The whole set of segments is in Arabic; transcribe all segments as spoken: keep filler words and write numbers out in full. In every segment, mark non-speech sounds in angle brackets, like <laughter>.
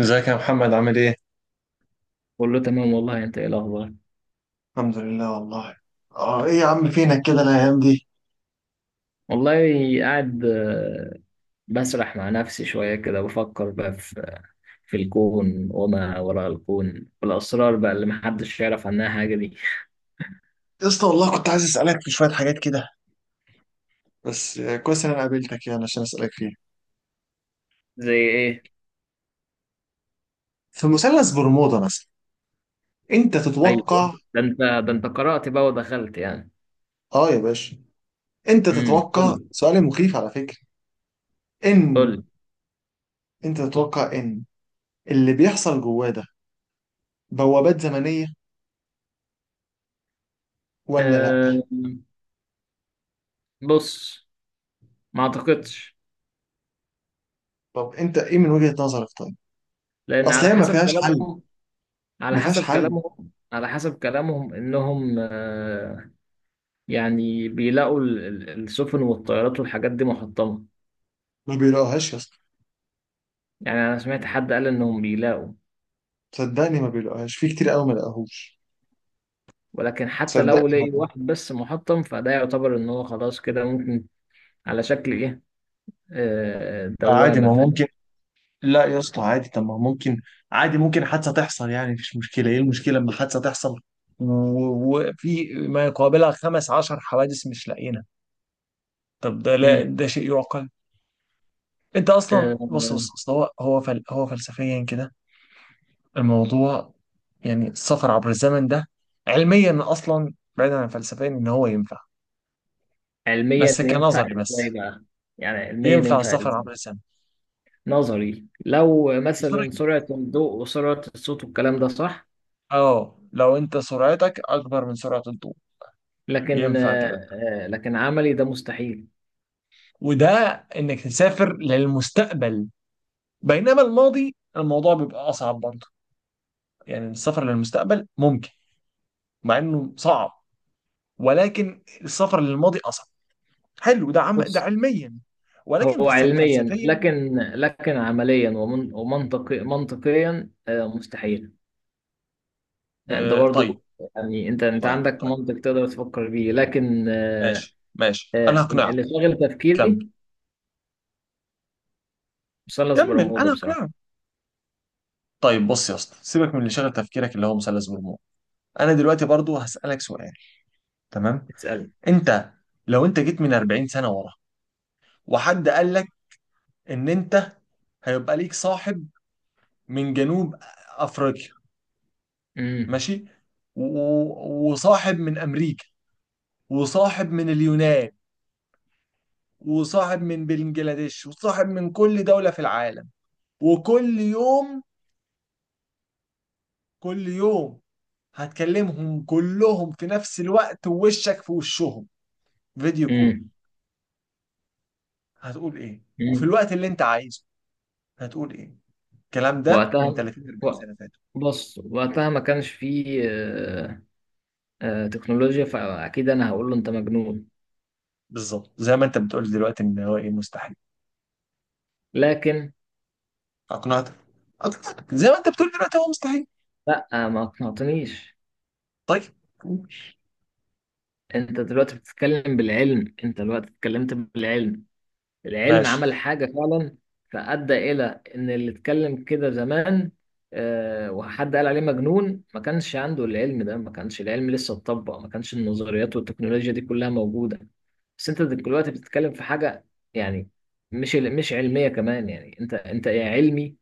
ازيك يا محمد عامل ايه؟ كله تمام والله، انت ايه الاخبار؟ الحمد لله والله. اه ايه يا عم فينك كده الايام دي؟ والله، قاعد آه، بسرح مع نفسي شويه كده، بفكر بقى في في الكون وما وراء الكون والاسرار بقى اللي محدش يعرف عنها حاجه دي. يا اسطى والله كنت عايز اسالك في شويه حاجات كده، بس آه، كويس ان انا قابلتك يعني عشان اسالك فيها. زي ايه؟ في مثلث برمودا مثلا انت ايوه، تتوقع؟ ده انت ده انت قرأت بقى ودخلت يعني. اه يا باشا. انت امم، قول تتوقع، لي. سؤال مخيف على فكره. ان قول لي. انت تتوقع ان اللي بيحصل جواه ده بوابات زمنيه ولا أه. لا؟ بص، ما اعتقدش. طب انت ايه من وجهه نظرك طيب؟ لان اصل على هي ما حسب فيهاش حل، كلامهم على ما فيهاش حسب حل. كلامهم على حسب كلامهم انهم آه، يعني بيلاقوا ال- ال- السفن والطيارات والحاجات دي محطمة. ما بيلاقوهاش يا اسطى، يعني أنا سمعت حد قال إنهم بيلاقوا. صدقني ما بيلاقوهاش في كتير قوي ما لاقوهوش. ولكن حتى تصدقني، لو لقي واحد بس محطم، فده يعتبر إن هو خلاص كده ممكن. على شكل إيه؟ آه، آه، عادي دوامة، ما فاهم؟ ممكن. لا يا اسطى عادي، طب ما ممكن، عادي ممكن حادثة تحصل يعني مفيش مشكلة، ايه المشكلة لما حادثة تحصل و- وفي ما يقابلها خمس عشر حوادث مش لاقينا؟ طب ده لا مم. ده شيء يعقل. انت اصلا بص بص آه، أصل هو هو فل هو فلسفيا كده الموضوع، يعني السفر عبر الزمن ده علميا اصلا بعيدا عن فلسفيا ان هو ينفع، علميا بس ينفع كنظري بس، إزاي بقى؟ يعني علميا ينفع ينفع السفر إزاي؟ عبر الزمن نظري، لو بسرعة. مثلا سرعة الضوء وسرعة الصوت والكلام ده صح. اه لو انت سرعتك اكبر من سرعة الضوء لكن ينفع آه، كده. آه، لكن عملي ده مستحيل. وده انك تسافر للمستقبل، بينما الماضي الموضوع بيبقى اصعب برضه. يعني السفر للمستقبل ممكن مع انه صعب، ولكن السفر للماضي اصعب. حلو ده عم ده علميا، ولكن هو فلس- علميا، فلسفيا. لكن لكن عمليا، ومن ومنطقي منطقيا آه، مستحيل. انت آه، طيب برضو، يعني انت انت طيب عندك طيب، منطق تقدر تفكر بيه، لكن آه، ماشي ماشي انا آه، هقنعك. اللي شاغل كمل، تفكيري مثلث كمل برمودا انا هقنعك. بصراحة. طيب بص يا اسطى سيبك من اللي شغل تفكيرك اللي هو مثلث برمودا، انا دلوقتي برضو هسألك سؤال، تمام؟ اسأل. انت لو انت جيت من أربعين سنة ورا وحد قال لك ان انت هيبقى ليك صاحب من جنوب افريقيا، امم. ماشي، و- وصاحب من امريكا وصاحب من اليونان وصاحب من بنجلاديش وصاحب من كل دولة في العالم، وكل يوم كل يوم هتكلمهم كلهم في نفس الوقت ووشك في وشهم، فيديو كول، امم. هتقول ايه؟ وفي امم. الوقت اللي انت عايزه هتقول ايه؟ الكلام ده من وقتها تلاتين أربعين و- سنة فاتوا. بص، وقتها ما كانش فيه آه، آه، تكنولوجيا، فاكيد انا هقول له انت مجنون. بالظبط زي ما انت بتقول دلوقتي ان هو ايه مستحيل. لكن اقنعتك؟ اقنعتك زي ما انت بتقول دلوقتي هو مستحيل. لا، ما اقنعتنيش. طيب انت دلوقتي بتتكلم بالعلم، انت دلوقتي اتكلمت بالعلم. العلم ماشي، عمل حاجة فعلا، فأدى إلى إن اللي اتكلم كده زمان آه، وحد قال عليه مجنون، ما كانش عنده العلم ده، ما كانش العلم لسه اتطبق، ما كانش النظريات والتكنولوجيا دي كلها موجودة. بس انت دلوقتي بتتكلم في حاجة، يعني مش مش علمية كمان، يعني انت انت يا علمي.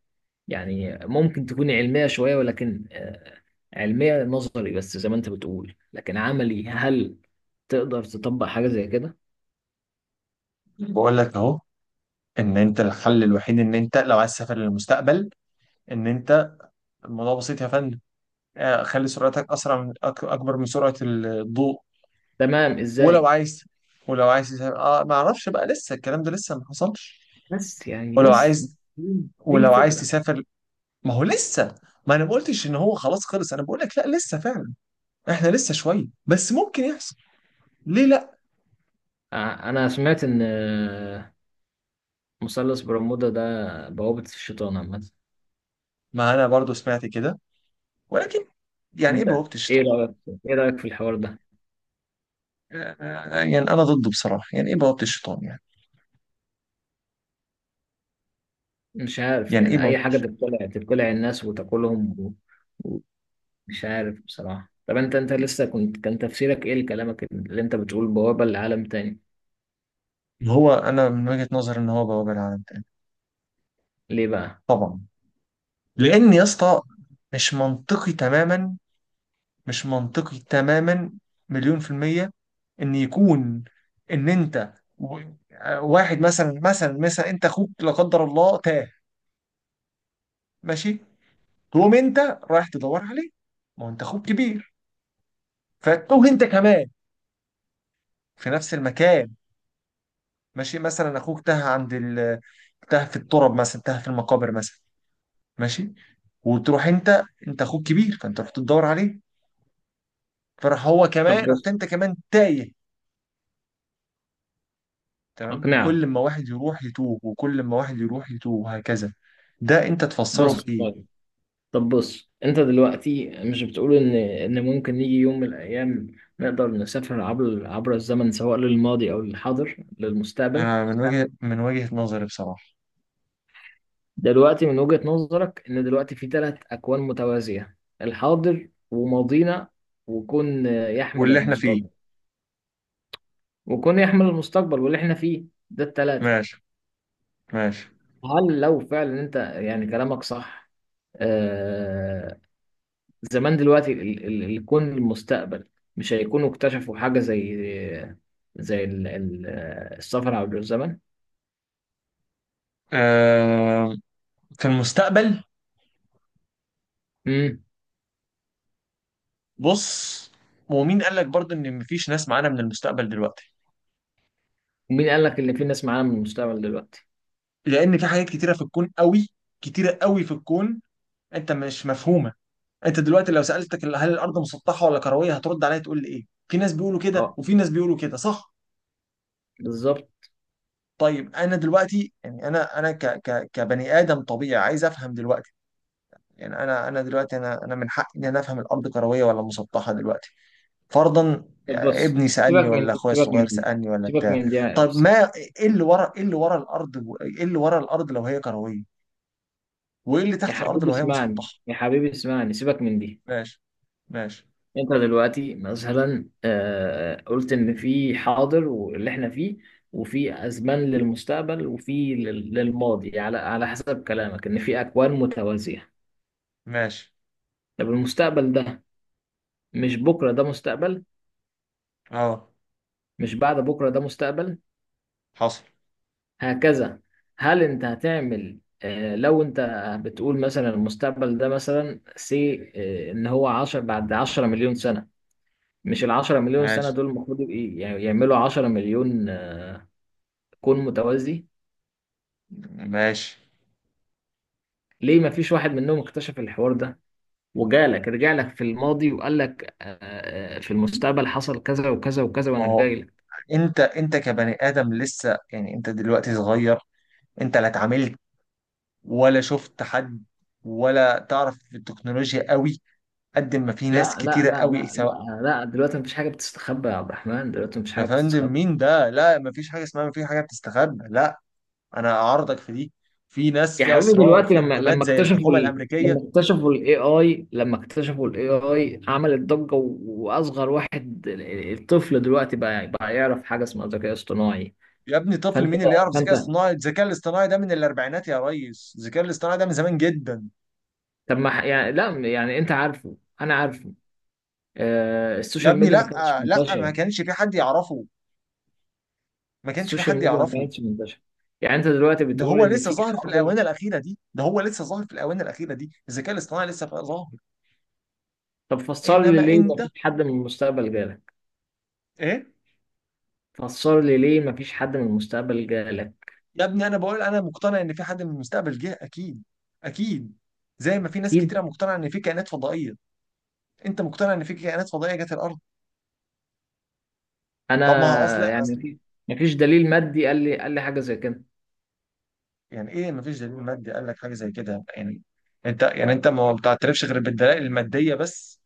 يعني ممكن تكون علمية شوية، ولكن آه، علمية نظري بس زي ما انت بتقول، لكن عملي، هل تقدر تطبق حاجة زي كده؟ بقول لك اهو، ان انت الحل الوحيد ان انت لو عايز تسافر للمستقبل، ان انت الموضوع بسيط يا فندم، آه، خلي سرعتك اسرع من أك- اكبر من سرعه الضوء. تمام، ولو ازاي؟ عايز، ولو عايز تسافر اه ما اعرفش بقى لسه الكلام ده لسه ما حصلش. بس يعني ولو بس عايز، دي ولو عايز الفكرة. تسافر، ما هو لسه، ما انا ما قلتش ان هو خلاص خلص، انا بقول لك لا لسه فعلا، احنا لسه شويه بس ممكن يحصل، ليه لا؟ ع- انا سمعت ان آه، مثلث برمودا ده بوابة الشيطان عامة. ما انا برضو سمعت كده، ولكن يعني ايه انت، بوابة ايه الشيطان؟ رأيك؟ ايه رأيك في الحوار ده؟ آه، يعني انا ضده بصراحة، يعني ايه بوابة الشيطان يعني؟ مش عارف، يعني ايه يعني اي بوابة. حاجة تبتلع، تبتلع الناس وتاكلهم و- ومش عارف بصراحة. طب انت، انت لسه كنت، كان تفسيرك ايه لكلامك اللي انت بتقول بوابة لعالم تاني؟ هو انا من وجهة نظري ان هو بوابة لعالم تاني. ليه بقى؟ طبعا، لان يا اسطى مش منطقي تماما، مش منطقي تماما، مليون في المية، ان يكون ان انت و-، آه، واحد مثلا مثلا مثلا انت اخوك لا قدر الله تاه، ماشي، تقوم انت رايح تدور عليه، ما هو انت اخوك كبير فتوه انت كمان في نفس المكان، ماشي، مثلا اخوك تاه عند ال... تاه في التراب مثلا، تاه في المقابر مثلا، ماشي، وتروح انت، انت اخوك كبير فانت رحت تدور عليه، فراح هو طب كمان رحت بص، انت كمان تايه. تمام، اقنعه. وكل ما واحد يروح يتوه وكل ما واحد يروح يتوه وهكذا. ده انت تفسره بص، بايه؟ طب بص، انت دلوقتي مش بتقول ان ان ممكن يجي يوم من الايام نقدر نسافر عبر عبر الزمن، سواء للماضي او للحاضر للمستقبل؟ انا من وجهة من وجهة نظري بصراحة دلوقتي من وجهة نظرك ان دلوقتي في ثلاث اكوان متوازية، الحاضر وماضينا، وكون يحمل واللي احنا فيه. المستقبل وكون يحمل المستقبل واللي احنا فيه، ده الثلاثة. ماشي، ماشي. هل لو فعلا انت يعني كلامك صح، آه، زمان دلوقتي ال- ال- الكون المستقبل، مش هيكونوا اكتشفوا حاجة زي زي ال- ال- السفر عبر الزمن؟ آه، في المستقبل. امم. بص، ومين قال لك برضه ان مفيش ناس معانا من المستقبل دلوقتي؟ ومين قال لك ان في ناس معانا من المستقبل دلوقتي؟ لان في حاجات كتيره في الكون قوي، كتيره قوي في الكون انت مش مفهومه. انت دلوقتي لو سالتك ال- هل الارض مسطحه ولا كرويه هترد عليا تقول لي ايه؟ في ناس بيقولوا كده اه، وفي ناس بيقولوا كده، صح؟ بالظبط. طيب انا دلوقتي يعني انا انا ك ك كبني ادم طبيعي عايز افهم دلوقتي. يعني انا انا دلوقتي انا انا من حقي ان انا افهم الارض كرويه ولا مسطحه دلوقتي، فرضا طب يعني بص، ابني سيبك سالني من ولا دي، اخويا سيبك من الصغير دي، سالني ولا سيبك بتاع. من دي. طب ما ايه اللي ورا ايه اللي ورا الارض؟ ايه اللي ورا الارض لو هي كرويه؟ وايه اللي يا تحت الارض حبيبي لو هي اسمعني، مسطحه؟ يا حبيبي اسمعني، سيبك من دي. ماشي ماشي انت دلوقتي مثلا آه، قلت ان في حاضر واللي احنا فيه، وفي ازمان للمستقبل وفي لل- للماضي، على على حسب كلامك ان في اكوان متوازية. ماشي. طب المستقبل ده، مش بكرة ده مستقبل؟ اه مش بعد بكرة ده مستقبل؟ حصل. هكذا. هل انت هتعمل آه، لو انت بتقول مثلا المستقبل ده مثلا سي آه، ان هو عشر بعد عشرة مليون سنة. مش العشرة مليون سنة ماشي دول المفروض يبقى- يعني يعملوا عشرة مليون آه، كون متوازي؟ ماشي. ليه ما فيش واحد منهم اكتشف الحوار ده وجالك، رجع لك في الماضي وقال لك آه، آه، في المستقبل حصل كذا وكذا وكذا ما وانا هو جاي لك؟ انت انت كبني ادم لسه يعني انت دلوقتي صغير، انت لا اتعاملت ولا شفت حد ولا تعرف في التكنولوجيا قوي قد ما في ناس لا لا كتيره لا قوي لا سواء. لا لا، دلوقتي مفيش حاجه بتستخبى يا عبد الرحمن، دلوقتي مفيش يا حاجه فندم بتستخبى. مين ده؟ لا ما فيش حاجه اسمها ما في حاجه بتستخبى، لا انا اعارضك في دي، في ناس يا في حبيبي، اسرار دلوقتي في لما حكومات لما زي اكتشفوا الحكومه ال... الامريكيه. لما اكتشفوا الاي اي لما اكتشفوا الاي اي عملت ضجه، و- واصغر واحد، ال- الطفل دلوقتي بقى بقى يعرف حاجه اسمها ذكاء اصطناعي. يا ابني طفل فانت مين اللي يعرف فانت ذكاء اصطناعي؟ الذكاء الاصطناعي ده من الاربعينات يا ريس، الذكاء الاصطناعي ده من زمان جدا. طب ما ح- يعني لا، يعني انت عارفه انا عارفه آه، يا السوشيال ابني ميديا ما كانتش لا، لا ما منتشره كانش في حد يعرفه، ما كانش في السوشيال حد ميديا ما يعرفه. كانتش منتشره يعني انت دلوقتي ده بتقول هو ان لسه في ظاهر في حاضر. الاونه الاخيره دي، ده هو لسه ظاهر في الاونه الاخيره دي الذكاء الاصطناعي لسه بقى ظاهر. طب فسر لي انما ليه ما انت فيش حد من المستقبل جالك؟ ايه؟ فسر لي ليه ما فيش حد من المستقبل جالك؟ يا ابني انا بقول انا مقتنع ان في حد من المستقبل جه، اكيد اكيد، زي ما في ناس اكيد. كتيره مقتنعه ان في كائنات فضائيه. انت مقتنع ان في كائنات فضائيه جت الارض؟ طب ما هو اصل، انا يعني مفيش، مفيش دليل مادي قال لي، قال لي حاجه زي كده. يعني ايه مفيش دليل مادي قال لك حاجه زي كده؟ يعني انت يعني انت ما بتعترفش غير بالدلائل الماديه بس؟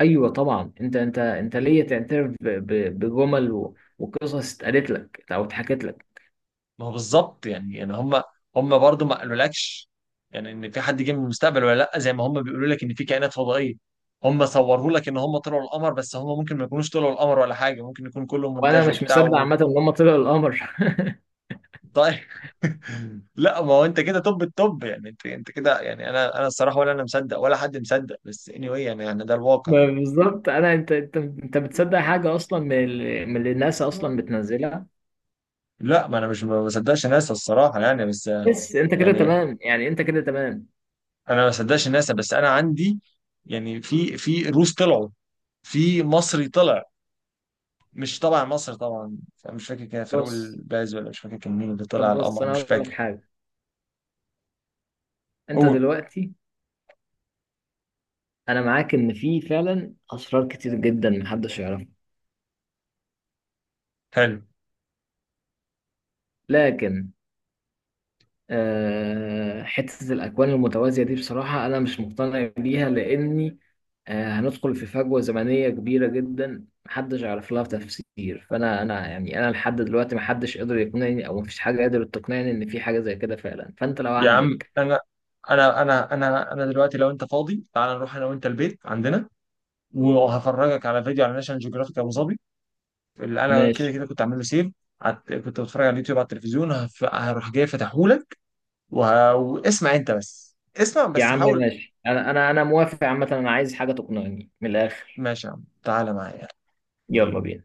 ايوه طبعا، انت انت انت ليه تعترف ب- ب- بجمل و- وقصص اتقالت لك او اتحكت لك؟ ما هو بالظبط، يعني يعني هم، هم برضه ما قالولكش يعني ان في حد جه من المستقبل ولا لا، زي ما هم بيقولوا لك ان في كائنات فضائيه. هم صوروا لك ان هم طلعوا القمر، بس هم ممكن ما يكونوش طلعوا القمر ولا حاجه، ممكن يكون كله وانا مونتاج مش وبتاع مصدق و... عامه ان هم طلعوا القمر. طيب. <laughs> لا ما هو انت كده، طب الطب يعني انت انت كده، يعني انا انا الصراحه ولا انا مصدق ولا حد مصدق، بس anyway يعني يعني ده الواقع. ما بالظبط انا، انت انت انت بتصدق حاجه اصلا من ال- من اللي الناس اصلا بتنزلها. لا ما انا مش ما بصدقش ناسا الصراحه يعني، بس بس انت كده يعني تمام، يعني انت كده تمام. انا ما بصدقش ناسا بس انا عندي، يعني في في روس طلعوا، في مصري طلع، مش طبعا مصر طبعا، مش فاكر كان فاروق بص، الباز ولا مش فاكر كان مين اللي طلع طب على بص، القمر، انا مش هقول لك فاكر. حاجه. انت قول. دلوقتي، انا معاك ان في فعلا اسرار كتير جدا محدش يعرفها. حلو. لكن آه، حتة الأكوان المتوازية دي بصراحة أنا مش مقتنع بيها، لأني آه، هندخل في فجوة زمنية كبيرة جدا محدش يعرف لها تفسير. فأنا، أنا يعني أنا لحد دلوقتي محدش قدر يقنعني، أو مفيش حاجة قدرت تقنعني إن في حاجة زي كده فعلا. فأنت لو يا عم عندك. انا انا انا انا انا دلوقتي لو انت فاضي تعال نروح انا وانت البيت عندنا وهفرجك على فيديو على ناشونال جيوغرافيك ابو ظبي اللي انا كده ماشي كده كنت عامل له سيف، عت- كنت بتفرج على اليوتيوب على التلفزيون هف- هروح جاي فاتحهولك، وه- واسمع انت بس، اسمع يا بس عم، حاول. ماشي. أنا أنا أنا موافق عامة، أنا عايز حاجة تقنعني من الآخر. ماشي يا عم تعالى معايا. يلا بينا.